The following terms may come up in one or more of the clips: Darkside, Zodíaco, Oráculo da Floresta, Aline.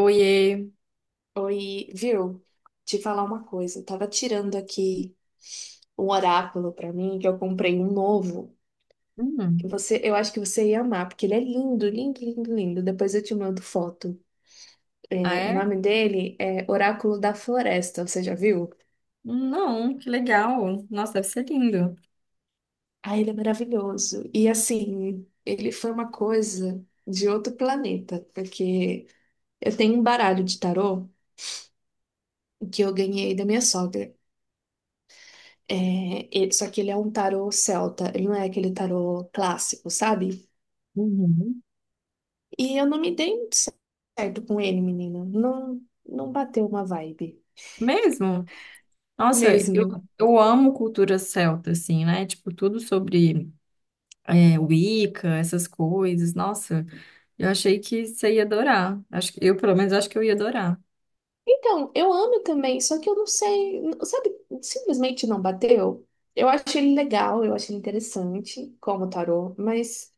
Oiê. Oi, viu? Te falar uma coisa. Eu tava tirando aqui um oráculo pra mim, que eu comprei um novo. E Hum, você, eu acho que você ia amar, porque ele é lindo, lindo, lindo, lindo. Depois eu te mando foto. ah, É, o é? nome dele é Oráculo da Floresta, você já viu? Não, que legal. Nossa, deve ser lindo. Ah, ele é maravilhoso. E assim, ele foi uma coisa de outro planeta, porque eu tenho um baralho de tarô que eu ganhei da minha sogra. Só que ele é um tarô celta, ele não é aquele tarô clássico, sabe? Uhum. E eu não me dei muito certo com ele, menina. Não, não bateu uma vibe Mesmo? Nossa, eu, mesmo. eu amo cultura celta, assim, né? Tipo, tudo sobre Wicca, essas coisas. Nossa, eu achei que você ia adorar. Acho que, eu, pelo menos, acho que eu ia adorar. Então, eu amo também, só que eu não sei, sabe? Simplesmente não bateu. Eu acho ele legal, eu acho ele interessante como tarô, mas,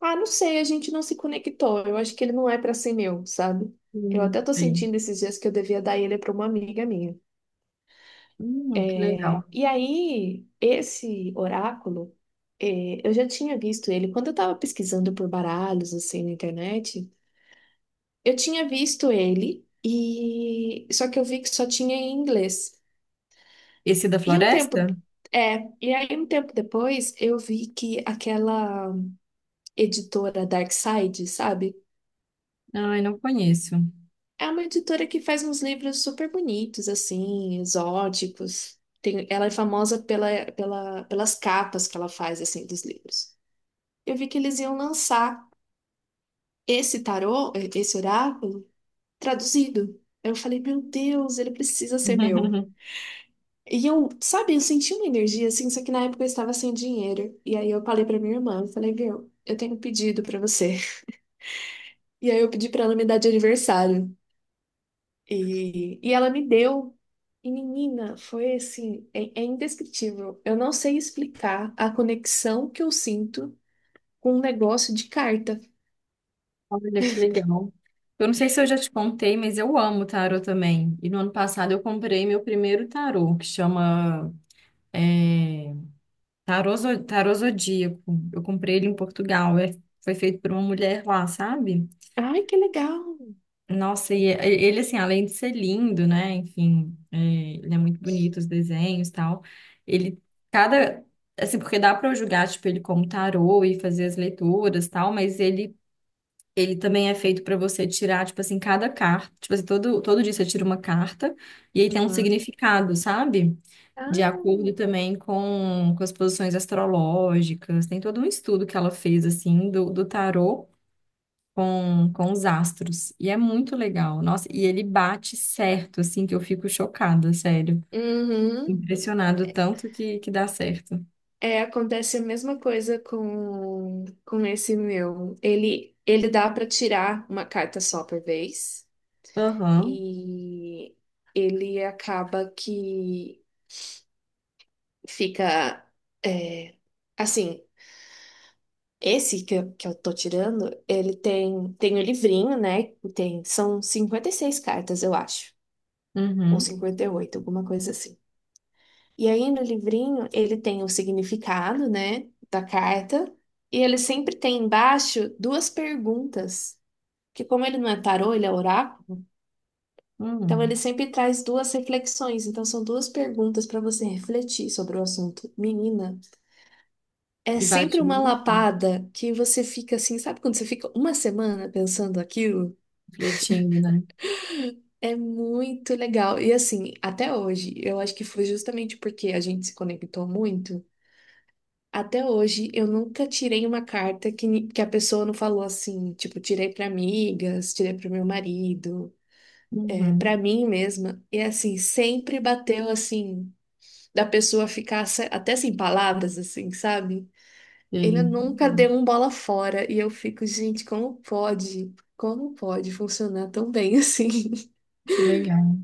ah, não sei, a gente não se conectou. Eu acho que ele não é pra ser meu, sabe? Eu até tô Bem. sentindo esses dias que eu devia dar ele pra uma amiga minha. Que legal. E aí, esse oráculo, eu já tinha visto ele quando eu estava pesquisando por baralhos assim na internet. Eu tinha visto ele e só que eu vi que só tinha em inglês. Esse da E um tempo floresta? E aí um tempo depois eu vi que aquela editora Darkside, sabe? Ai, não conheço. É uma editora que faz uns livros super bonitos assim, exóticos. Tem, ela é famosa pelas capas que ela faz assim dos livros. Eu vi que eles iam lançar esse tarô, esse oráculo, traduzido. Eu falei, meu Deus, ele precisa ser meu. E eu, sabe, eu senti uma energia assim, só que na época eu estava sem dinheiro. E aí eu falei pra minha irmã, eu falei, viu, eu tenho um pedido pra você. E aí eu pedi pra ela me dar de aniversário. E ela me deu. E menina, foi assim, é indescritível. Eu não sei explicar a conexão que eu sinto com um negócio de carta. Olha que legal. Eu não sei se eu já te contei, mas eu amo tarô também. E no ano passado eu comprei meu primeiro tarô, que chama é, tarô Zodíaco. Eu comprei ele em Portugal. Foi feito por uma mulher lá, sabe? Ai, que legal! Nossa, e ele, assim, além de ser lindo, né? Enfim, é, ele é muito bonito, os desenhos e tal. Ele, cada. Assim, porque dá para eu julgar, tipo, ele como tarô e fazer as leituras e tal, mas ele também é feito para você tirar, tipo assim, cada carta. Tipo assim, todo dia você tira uma carta e aí tem um Uhum. significado, sabe? De acordo Ah. também com as posições astrológicas. Tem todo um estudo que ela fez, assim, do tarô com os astros. E é muito legal. Nossa, e ele bate certo, assim, que eu fico chocada, sério. Uhum. Impressionado tanto que dá certo. É, acontece a mesma coisa com esse meu. Ele dá para tirar uma carta só por vez Aham, e ele acaba que fica é, assim. Esse que eu tô tirando, ele tem o livrinho, né? Tem, são 56 cartas, eu acho, ou uhum, 58 alguma coisa assim. E aí no livrinho ele tem o significado, né, da carta, e ele sempre tem embaixo duas perguntas, que como ele não é tarô, ele é oráculo, então uhum. ele sempre traz duas reflexões, então são duas perguntas para você refletir sobre o assunto. Menina, é E sempre bate uma muito, lapada que você fica assim, sabe quando você fica uma semana pensando aquilo? refletindo, né? É muito legal. E assim, até hoje, eu acho que foi justamente porque a gente se conectou muito. Até hoje, eu nunca tirei uma carta que, que a pessoa não falou assim, tipo, tirei para amigas, tirei para o meu marido, é, para Uhum. mim mesma. E assim, sempre bateu assim, da pessoa ficar até sem palavras, assim, sabe? Ele Sei. nunca deu um bola fora. E eu fico, gente, como pode? Como pode funcionar tão bem assim? Que legal.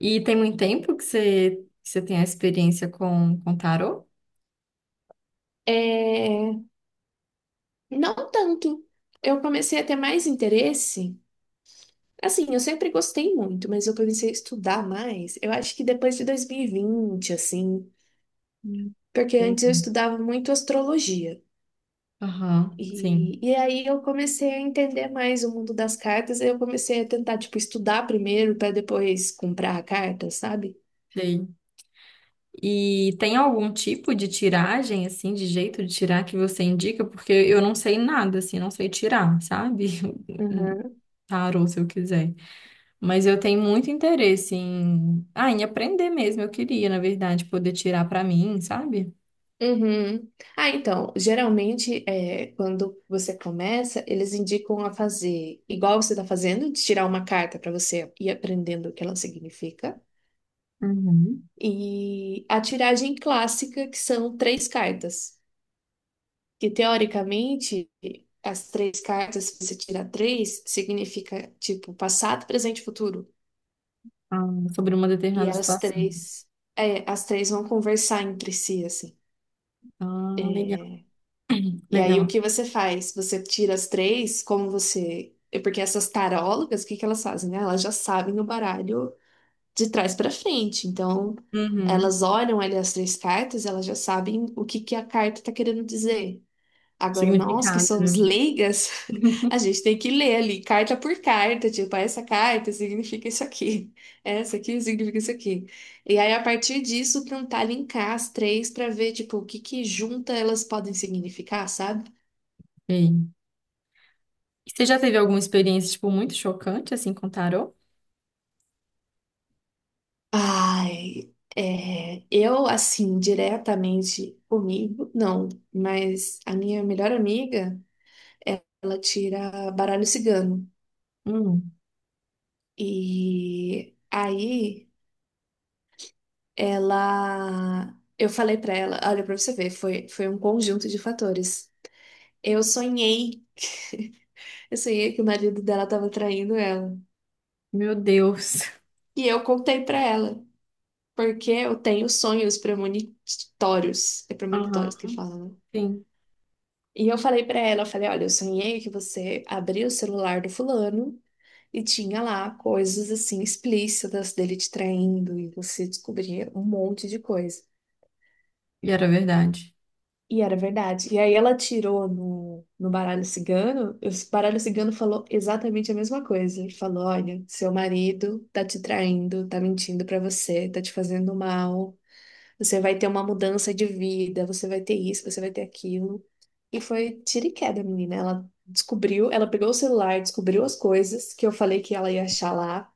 E tem muito tempo que você tem a experiência com tarô? É, não tanto. Eu comecei a ter mais interesse. Assim, eu sempre gostei muito, mas eu comecei a estudar mais, eu acho que depois de 2020, assim, Hum, porque antes eu Entendi. estudava muito astrologia. Aham, sim, E aí eu comecei a entender mais o mundo das cartas, e eu comecei a tentar, tipo, estudar primeiro para depois comprar a carta, sabe? sei. E tem algum tipo de tiragem, assim, de jeito de tirar que você indica? Porque eu não sei nada, assim, não sei tirar, sabe? Um Uhum. tarô, se eu quiser. Mas eu tenho muito interesse em, ah, em aprender mesmo. Eu queria, na verdade, poder tirar pra mim, sabe? Uhum. Ah, então, geralmente, é, quando você começa, eles indicam a fazer igual você está fazendo, de tirar uma carta para você ir aprendendo o que ela significa. Uhum. E a tiragem clássica, que são três cartas. Que teoricamente, as três cartas, se você tirar três, significa tipo passado, presente e futuro. Ah, sobre uma E determinada elas situação. três, é, as três vão conversar entre si, assim. Ah, legal. E aí o Legal. que você faz? Você tira as três, como você. Porque essas tarólogas, o que que elas fazem, né? Elas já sabem o baralho de trás para frente. Então, Uhum. elas olham ali as três cartas, elas já sabem o que que a carta tá querendo dizer. Agora, nós que Significado, somos né? leigas, a gente tem que ler ali, carta por carta, tipo, ah, essa carta significa isso aqui, essa aqui significa isso aqui. E aí, a partir disso, tentar linkar as três para ver, tipo, o que que junta elas podem significar, sabe? Ei. E você já teve alguma experiência, tipo, muito chocante, assim, com tarô? Ai, é, eu, assim, diretamente comigo, não, mas a minha melhor amiga, ela tira baralho cigano. Hum, E aí. Ela, eu falei pra ela, olha, pra você ver, foi um conjunto de fatores. Eu sonhei, eu sonhei que o marido dela tava traindo ela. Meu Deus. E eu contei pra ela, porque eu tenho sonhos premonitórios. É premonitórios que Aham. fala, né? Sim. E eu falei pra ela, eu falei, olha, eu sonhei que você abriu o celular do fulano e tinha lá coisas assim explícitas dele te traindo e você descobria um monte de coisa. E era verdade. E era verdade. E aí ela tirou no baralho cigano, e o baralho cigano falou exatamente a mesma coisa. Ele falou: olha, seu marido tá te traindo, tá mentindo pra você, tá te fazendo mal, você vai ter uma mudança de vida, você vai ter isso, você vai ter aquilo. E foi tiro e queda, menina. Ela descobriu, ela pegou o celular, descobriu as coisas que eu falei que ela ia achar lá.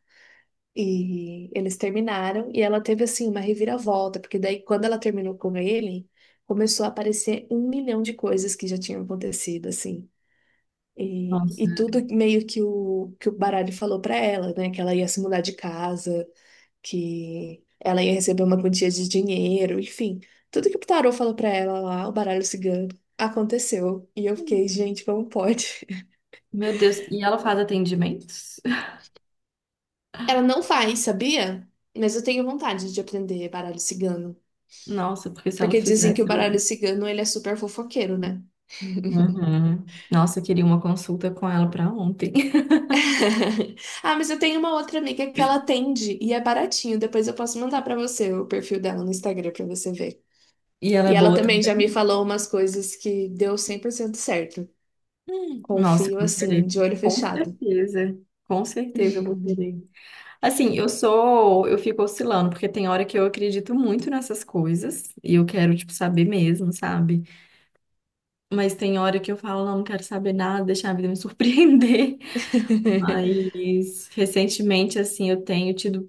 E eles terminaram e ela teve assim uma reviravolta, porque daí quando ela terminou com ele, começou a aparecer um milhão de coisas que já tinham acontecido assim. E, Nossa. e tudo meio que o baralho falou pra ela, né, que ela ia se mudar de casa, que ela ia receber uma quantia de dinheiro, enfim, tudo que o tarô falou pra ela lá, o baralho cigano, aconteceu. E eu fiquei, gente, como pode? Meu Deus. E ela faz atendimentos? Ela não faz, sabia? Mas eu tenho vontade de aprender baralho cigano. Nossa, porque se ela Porque dizem que fizesse, o baralho eu... cigano, ele é super fofoqueiro, né? Uhum. Nossa, eu queria uma consulta com ela pra ontem. Ah, mas eu tenho uma outra amiga que ela atende e é baratinho. Depois eu posso mandar pra você o perfil dela no Instagram pra você ver. E ela é E ela boa também também? já me falou umas coisas que deu 100% certo. Nossa, eu Confio vou assim, querer. de olho Com fechado. certeza. Com certeza eu vou querer. Assim, eu sou, eu fico oscilando, porque tem hora que eu acredito muito nessas coisas e eu quero, tipo, saber mesmo, sabe? Mas tem hora que eu falo, não, não quero saber nada, deixar a vida me surpreender. Mas recentemente, assim, eu tenho tido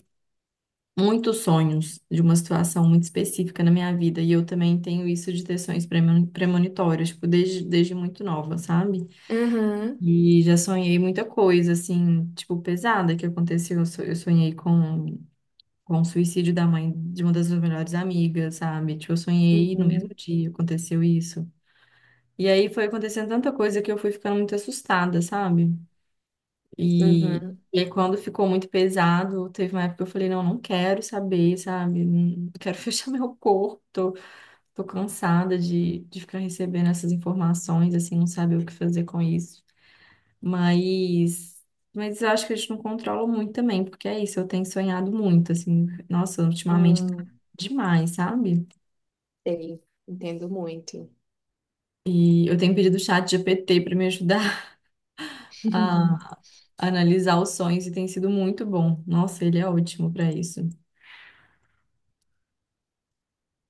muitos sonhos de uma situação muito específica na minha vida e eu também tenho isso de ter sonhos premonitórios, tipo, desde muito nova, sabe? Uhum, E já sonhei muita coisa, assim, tipo, pesada que aconteceu. Eu sonhei com o suicídio da mãe de uma das minhas melhores amigas, sabe? Tipo, eu sonhei no mesmo uhum, dia, aconteceu isso. E aí foi acontecendo tanta coisa que eu fui ficando muito assustada, sabe? E, uhum, e aí quando ficou muito pesado, teve uma época que eu falei, não, não quero saber, sabe? Não quero fechar meu corpo, tô cansada de ficar recebendo essas informações, assim, não saber o que fazer com isso. Mas, mas eu acho que a gente não controla muito também, porque é isso, eu tenho sonhado muito, assim, nossa, ultimamente tá hum, demais, sabe? sei. Entendo muito. E eu tenho pedido o chat GPT para me ajudar a analisar os sonhos e tem sido muito bom. Nossa, ele é ótimo para isso.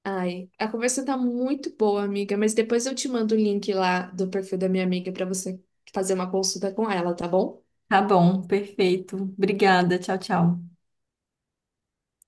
Ai, a conversa tá muito boa, amiga, mas depois eu te mando o link lá do perfil da minha amiga pra você fazer uma consulta com ela, tá bom? Tá bom, perfeito. Obrigada, tchau, tchau.